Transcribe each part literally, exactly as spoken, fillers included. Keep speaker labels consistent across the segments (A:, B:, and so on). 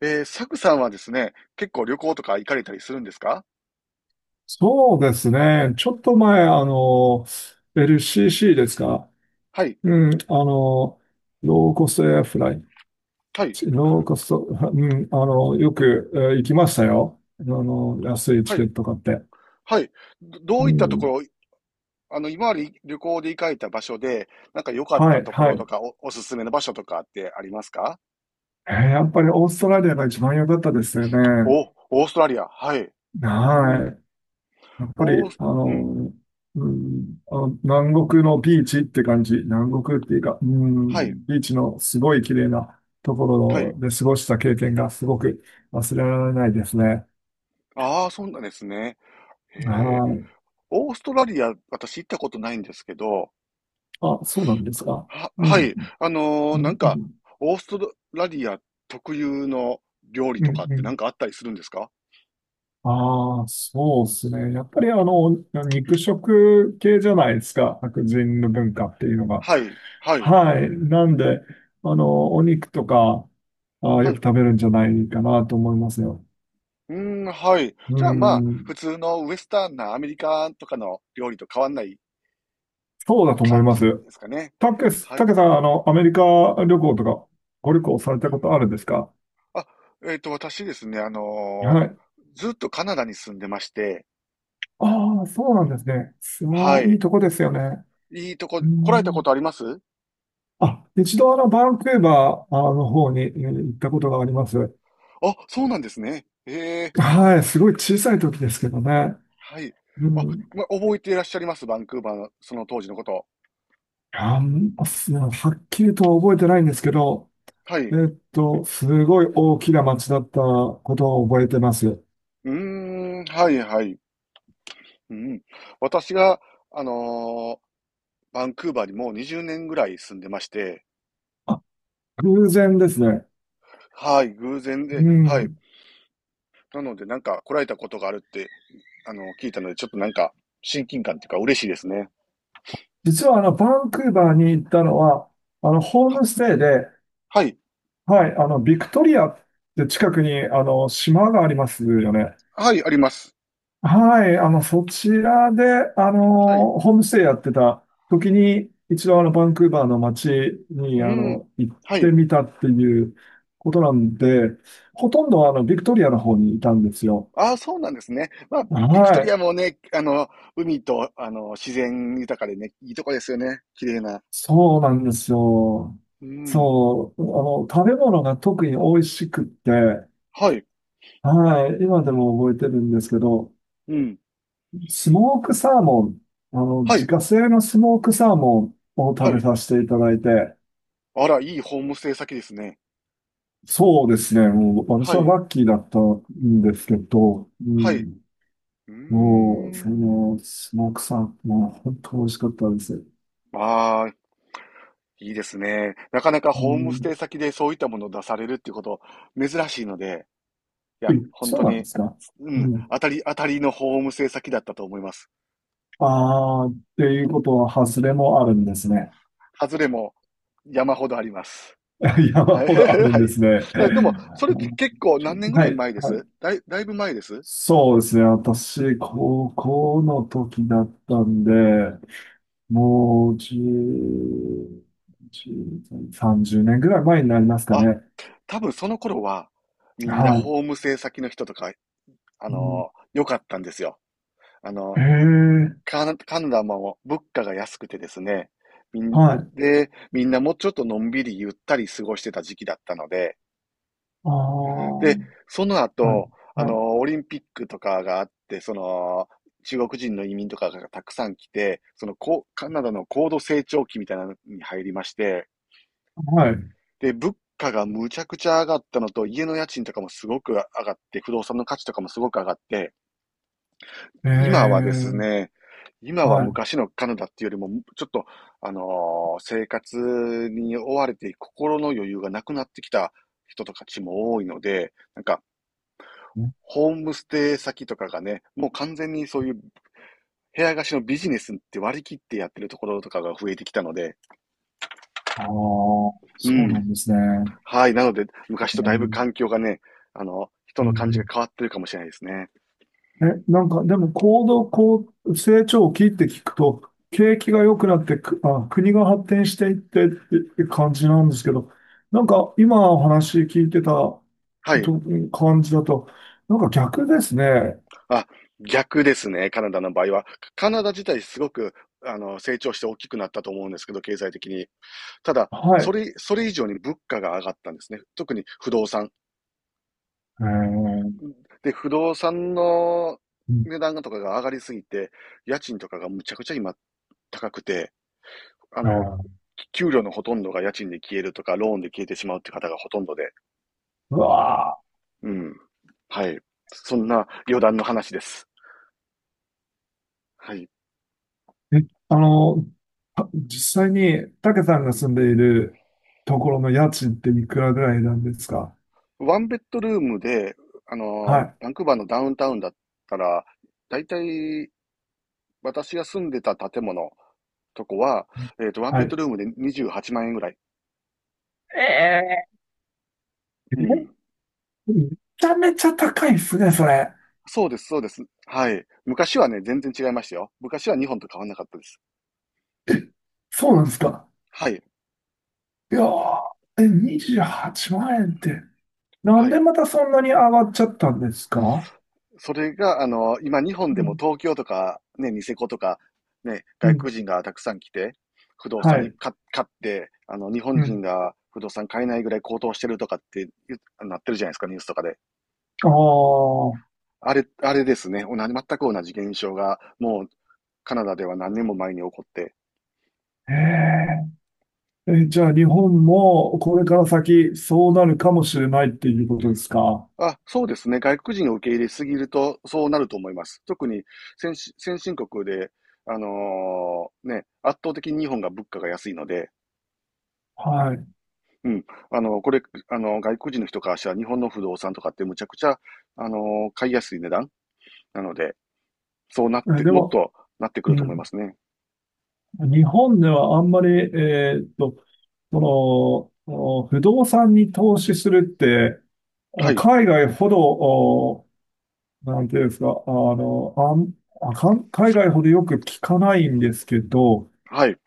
A: えー、サクさんはですね、結構旅行とか行かれたりするんですか？
B: そうですね。ちょっと前、あの、エルシーシー ですか。
A: はい、
B: うん、あの、ローコストエアフライ。
A: はい、
B: ローコスト、はうん、あの、よく、えー行きましたよ。あの、安いチ
A: は
B: ケ
A: い、
B: ット買って。
A: はい。どど
B: う
A: ういったとこ
B: ん、
A: ろ、あの、今まで旅行で行かれた場所で、なんか良かっ
B: は
A: た
B: い、
A: とこ
B: は
A: ろと
B: い。
A: か、お、おすすめの場所とかってありますか？
B: えーやっぱりオーストラリアが一番良かったですよね。
A: お、オーストラリア、はい。うん、
B: はい。やっぱり、
A: オース、
B: あ
A: うん、
B: の、うん、あの、南国のビーチって感じ。南国っていうか、う
A: はい、
B: ん、ビーチのすごい綺麗なとこ
A: は
B: ろ
A: い。
B: で過ごした経験がすごく忘れられないですね。
A: ああ、そうなんですね。へえ、
B: はい。
A: オーストラリア、私行ったことないんですけど、
B: あ、そうなんですか？
A: は、
B: うん、
A: はい。
B: う
A: あのーなん
B: ん、う
A: か、
B: ん、
A: オーストラリア特有の料理
B: う
A: とかっ
B: ん。う
A: てなん
B: ん、
A: かあったりするんですか？
B: ああ、そうですね。やっぱりあの、肉食系じゃないですか。白人の文化っていうのが。
A: はい、はい、
B: はい。なんで、あの、お肉とか、あー、
A: は
B: よく
A: い。
B: 食べるんじゃないかなと思いますよ。
A: うーん、はい。
B: う
A: じゃあまあ、
B: ん、
A: 普通のウエスタンなアメリカンとかの料理と変わんない
B: そうだと思い
A: 感
B: ま
A: じで
B: す。
A: すかね。
B: たけす、
A: は
B: た
A: い。
B: けさん、あの、アメリカ旅行とか、ご旅行されたことあるんですか？
A: あ、えっと、私ですね、あの
B: は
A: ー
B: い。
A: ずっとカナダに住んでまして、
B: ああ、そうなんですね。
A: は
B: そういい
A: い。
B: とこですよね。
A: いいとこ、
B: う
A: 来られたこ
B: ん。
A: とあります？
B: あ、一度あの、バンクーバーあの方にえー行ったことがあります。
A: あ、そうなんですね。ええ、
B: はい。すごい小さい時ですけどね。
A: はい。
B: う
A: あ、
B: ん。
A: ま、覚えていらっしゃいます？バンクーバーのその当時のこと。
B: あんま、すはっきりとは覚えてないんですけど、
A: は
B: え
A: い。
B: っと、すごい大きな町だったことを覚えてます。
A: うーん、はいはい。うん。私が、あのーバンクーバーにもうにじゅうねんぐらい住んでまして、
B: あ、偶然ですね。
A: はい、偶然で、
B: う
A: はい。
B: ん。
A: なので、なんか来られたことがあるって、あの、聞いたので、ちょっとなんか、親近感っていうか嬉しいですね。
B: 実はあの、バンクーバーに行ったのは、あの、ホー
A: は、
B: ムステイで、
A: はい。
B: はい、あの、ビクトリアって近くに、あの、島がありますよね。
A: はい、あります。
B: はい、あの、そちらで、あ
A: はい。
B: の、ホームステイやってた時に、一度あの、バンクーバーの街に、
A: う
B: あ
A: ん。
B: の、行っ
A: は
B: て
A: い。
B: みたっていうことなんで、ほとんどあの、ビクトリアの方にいたんですよ。
A: ああ、そうなんですね。まあ、
B: は
A: ビクトリア
B: い。
A: もね、あの、海と、あの、自然豊かでね、いいとこですよね。綺麗な。
B: そうなんですよ。
A: うん。
B: そう。あの、食べ物が特に美味しくって、
A: はい。
B: はい。今でも覚えてるんですけど、
A: うん。
B: スモークサーモン、あの、
A: は
B: 自
A: い。
B: 家製のスモークサーモンを食
A: は
B: べ
A: い。
B: させていただいて、
A: あら、いいホームステイ先ですね。
B: そうですね。もう、私
A: は
B: は
A: い、
B: ラッキーだったんですけど、う
A: はい。う
B: ん。
A: ー
B: もう、そ
A: ん。
B: の、スモークサーモン、本当美味しかったです。
A: ああ、いいですね。なかなか
B: う
A: ホームステ
B: ん。
A: イ先でそういったものを出されるっていうこと、珍しいので、い
B: え、
A: や、本
B: そう
A: 当
B: なんで
A: に、
B: すか？
A: う
B: う
A: ん、
B: ん。
A: 当たり、当たりのホームステイ先だったと思います。
B: ああ、っていうことは、外れもあるんですね。
A: 外れも山ほどあります。
B: 山
A: はい、
B: ほどあ るん
A: は
B: で
A: い。
B: すね。
A: だでも、それって結構何年ぐ
B: は
A: らい
B: い、
A: 前で
B: は
A: す？
B: い。
A: だい、だいぶ前です？
B: そうですね。私、高校の時だったんで、もう、じゅう、じゅう さんじゅうねんぐらい前になりますか
A: あ、
B: ね。
A: 多分その頃は、みんな
B: はい。
A: ホームステイ先の人とか、あ
B: うん、
A: の良かったんですよ。あの
B: ええ、
A: カナ、カナダも物価が安くてですね、みん、
B: はい。
A: で、みんなもうちょっとのんびりゆったり過ごしてた時期だったので、
B: ああ、は
A: で、
B: い。
A: その後、あ
B: はい。
A: の、オリンピックとかがあって、その、中国人の移民とかがたくさん来て、その、こう、カナダの高度成長期みたいなのに入りまして、
B: はい。
A: で、物価がむちゃくちゃ上がったのと、家の家賃とかもすごく上がって、不動産の価値とかもすごく上がって、
B: え
A: 今はです
B: え、
A: ね、今は
B: はい。
A: 昔のカナダっていうよりも、ちょっと、あのー生活に追われて心の余裕がなくなってきた人たちも多いので、なんか、ホームステイ先とかがね、もう完全にそういう部屋貸しのビジネスって割り切ってやってるところとかが増えてきたので、
B: ああ、
A: う
B: そうな
A: ん。
B: んですね。
A: はい。なので、昔と
B: う
A: だいぶ
B: ん、
A: 環境がね、あの、人
B: う
A: の感じが
B: ん、
A: 変わってるかもしれないですね。
B: え、なんか、でも行動、こう、成長期って聞くと、景気が良くなってく、あ、国が発展していってって感じなんですけど、なんか今お話聞いてたと
A: はい。
B: 感じだと、なんか逆ですね。
A: あ、逆ですね、カナダの場合は。カナダ自体すごく、あの、成長して大きくなったと思うんですけど、経済的に。ただ、
B: は
A: そ
B: い。
A: れ、それ以上に物価が上がったんですね。特に不動産。
B: えー、
A: で、不動産の
B: うん
A: 値段とかが上がりすぎて、家賃とかがむちゃくちゃ今高くて、あ
B: え
A: の、
B: ー、
A: 給料のほとんどが家賃で消えるとか、ローンで消えてしまうって方がほとんどで。
B: うわ
A: うん。はい。そんな余談の話です。はい。
B: ー、え、あの、た実際に、たけさんが住んでいるところの家賃っていくらぐらいなんですか？
A: ワンベッドルームで、あの、
B: はい。
A: バンクーバーのダウンタウンだったら、だいたい私が住んでた建物とこは、えっと、ワン
B: は
A: ベッド
B: い。
A: ルームでにじゅうはちまん円ぐらい。
B: え
A: うん。
B: めちゃめちゃ高いっすね、それ。
A: そうです、そうです。はい。昔はね、全然違いましたよ。昔は日本と変わんなかったです。
B: そうなんですか。
A: はい。
B: いやー、え、にじゅうはちまん円って、なん
A: は
B: で
A: い。
B: またそんなに上がっちゃったんですか？
A: それが、あの、今日本で
B: う
A: も
B: ん、
A: 東京とか、ね、ニセコとか、ね、
B: う
A: 外国
B: ん、
A: 人がたくさん来て、不動
B: は
A: 産
B: い、
A: か買って、あの、日本
B: う
A: 人
B: ん。
A: が不動産買えないぐらい高騰してるとかって言うなってるじゃないですか、ニュースとかで。
B: あ
A: あれ、あれですね。同じ、全く同じ現象が、もう、カナダでは何年も前に起こって。
B: あ、えええ、じゃあ日本もこれから先そうなるかもしれないっていうことですか？
A: あ、そうですね。外国人を受け入れすぎると、そうなると思います。特に先、先進国で、あのーね、圧倒的に日本が物価が安いので、
B: はい。
A: うん。あの、これ、あの、外国人の人からしたら日本の不動産とかってむちゃくちゃ、あの、買いやすい値段なので、そうなっ
B: え、
A: て、
B: で
A: もっ
B: も、
A: となってくる
B: う
A: と思い
B: ん、
A: ますね。
B: 日本ではあんまり、えーっと、その、お不動産に投資するって、あ
A: は
B: の
A: い。
B: 海外ほど、なんていうんですか、あの、あん、あ、かん海外ほどよく聞かないんですけど、
A: はい。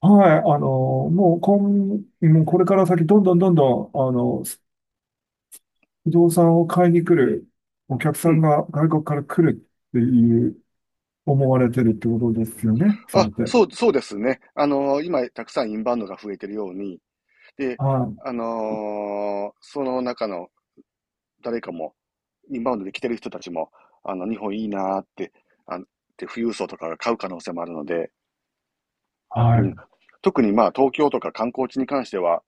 B: はい、あの、もうこん、もうこれから先、どんどんどんどん、あの、不動産を買いに来るお客
A: う
B: さん
A: ん。
B: が外国から来るっていう、思われてるってことですよね、それ
A: あ、
B: って。
A: そう、そうですね。あの、今、たくさんインバウンドが増えてるように、で、
B: はい、
A: あのーその中の誰かも、インバウンドで来てる人たちも、あの、日本いいなーって、あ、って富裕層とかが買う可能性もあるので、うん。
B: は
A: 特にまあ、東京とか観光地に関しては、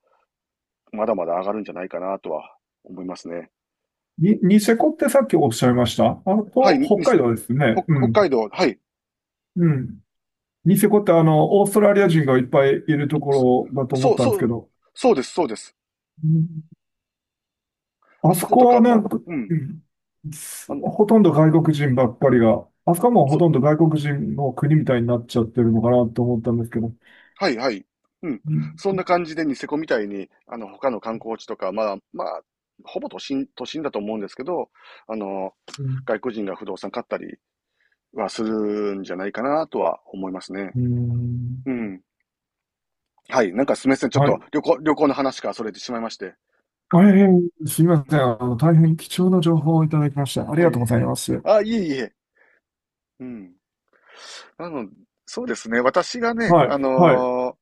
A: まだまだ上がるんじゃないかなとは思いますね。
B: い。に、ニセコってさっきおっしゃいましたあの、
A: はい、
B: と
A: み
B: 北海
A: 北
B: 道ですね。う
A: 北
B: ん、
A: 海道、はい。
B: うん。ニセコってあの、オーストラリア人がいっぱいいるところだ
A: そ
B: と思
A: そ
B: っ
A: う、
B: たんで
A: そ
B: すけ
A: う、
B: ど。
A: そうです、そうです。あ
B: あ
A: そ
B: そ
A: こ
B: こ
A: とか
B: はなん
A: も、
B: か、
A: うん。
B: うん、
A: あ
B: す
A: の、
B: ほとんど外国人ばっかりが、あそこはもうほ
A: そう、
B: とんど外国人の国みたいになっちゃってるのかなと思ったんですけど。
A: はい、はい。うん。
B: う
A: そん
B: ん、
A: な感じでニセコみたいに、あの、他の観光地とか、まあ、まあ、ほぼ都心、都心だと思うんですけど、あの、
B: うん、
A: 外国人が不動産買ったりはするんじゃないかなとは思いますね。うん。はい。なんかすみません。ちょっ
B: は
A: と
B: い。
A: 旅行、旅行の話からそれてしまいまして。
B: 大変すみま
A: う
B: せん。
A: ん。
B: あの、大変貴重な情報をいただきました。あり
A: は
B: がとうござ
A: い。
B: います。
A: あ、いえいえ。うん。あの、そうですね。私がね、
B: は
A: あ
B: い、
A: の
B: はい。
A: ー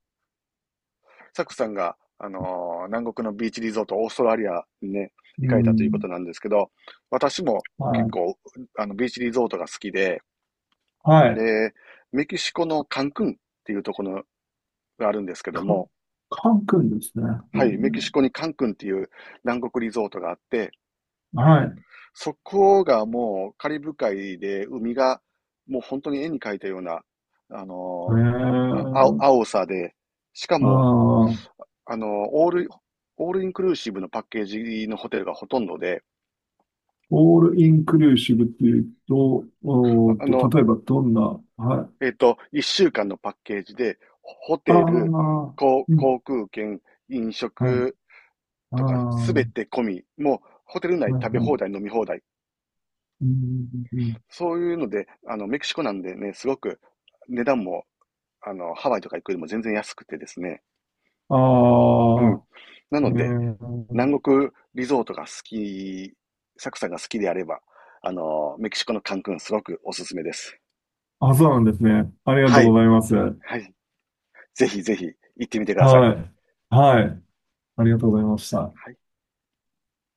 A: サクさんが、あのー南国のビーチリゾート、オーストラリアにね、行
B: う
A: かれたというこ
B: ん、
A: となんですけど、私も
B: は
A: 結
B: い、
A: 構、あの、ビーチリゾートが好きで、
B: はい。
A: で、メキシコのカンクンっていうところがあるんですけど
B: カン、
A: も、
B: カン君ですね。う
A: はい、メキシ
B: ん、
A: コにカンクンっていう南国リゾートがあって、
B: はい。
A: そこがもうカリブ海で海がもう本当に絵に描いたような、あ
B: え
A: のーあ青
B: ー、
A: 青さで、しか
B: あ
A: も、
B: ー
A: あの、オール、オールインクルーシブのパッケージのホテルがほとんどで、
B: オールインクルーシブっていうと、おーっ
A: あ
B: と、
A: の、
B: 例えばどんな、はい。
A: えっと、いっしゅうかんのパッケージで、ホ
B: あ
A: テル、
B: あ、
A: 航
B: うん、
A: 航空券、飲
B: はい、
A: 食
B: ああ、
A: とか、す
B: は
A: べて込み、もう、ホテル
B: い、
A: 内
B: は
A: 食べ放
B: い。
A: 題、飲み放題。
B: うん、うん、
A: そういうので、あの、メキシコなんでね、すごく値段も、あの、ハワイとか行くよりも全然安くてですね。
B: あ
A: うん。
B: あ、
A: な
B: え
A: ので、南
B: ー、
A: 国リゾートが好き、サクさんが好きであれば、あの、メキシコのカンクンすごくおすすめです。
B: あ、そうなんですね。ありがと
A: は
B: う
A: い。
B: ございます。は
A: はい。ぜひぜひ行ってみてく
B: い。
A: ださい。
B: はい。ありがとうございました。
A: はい。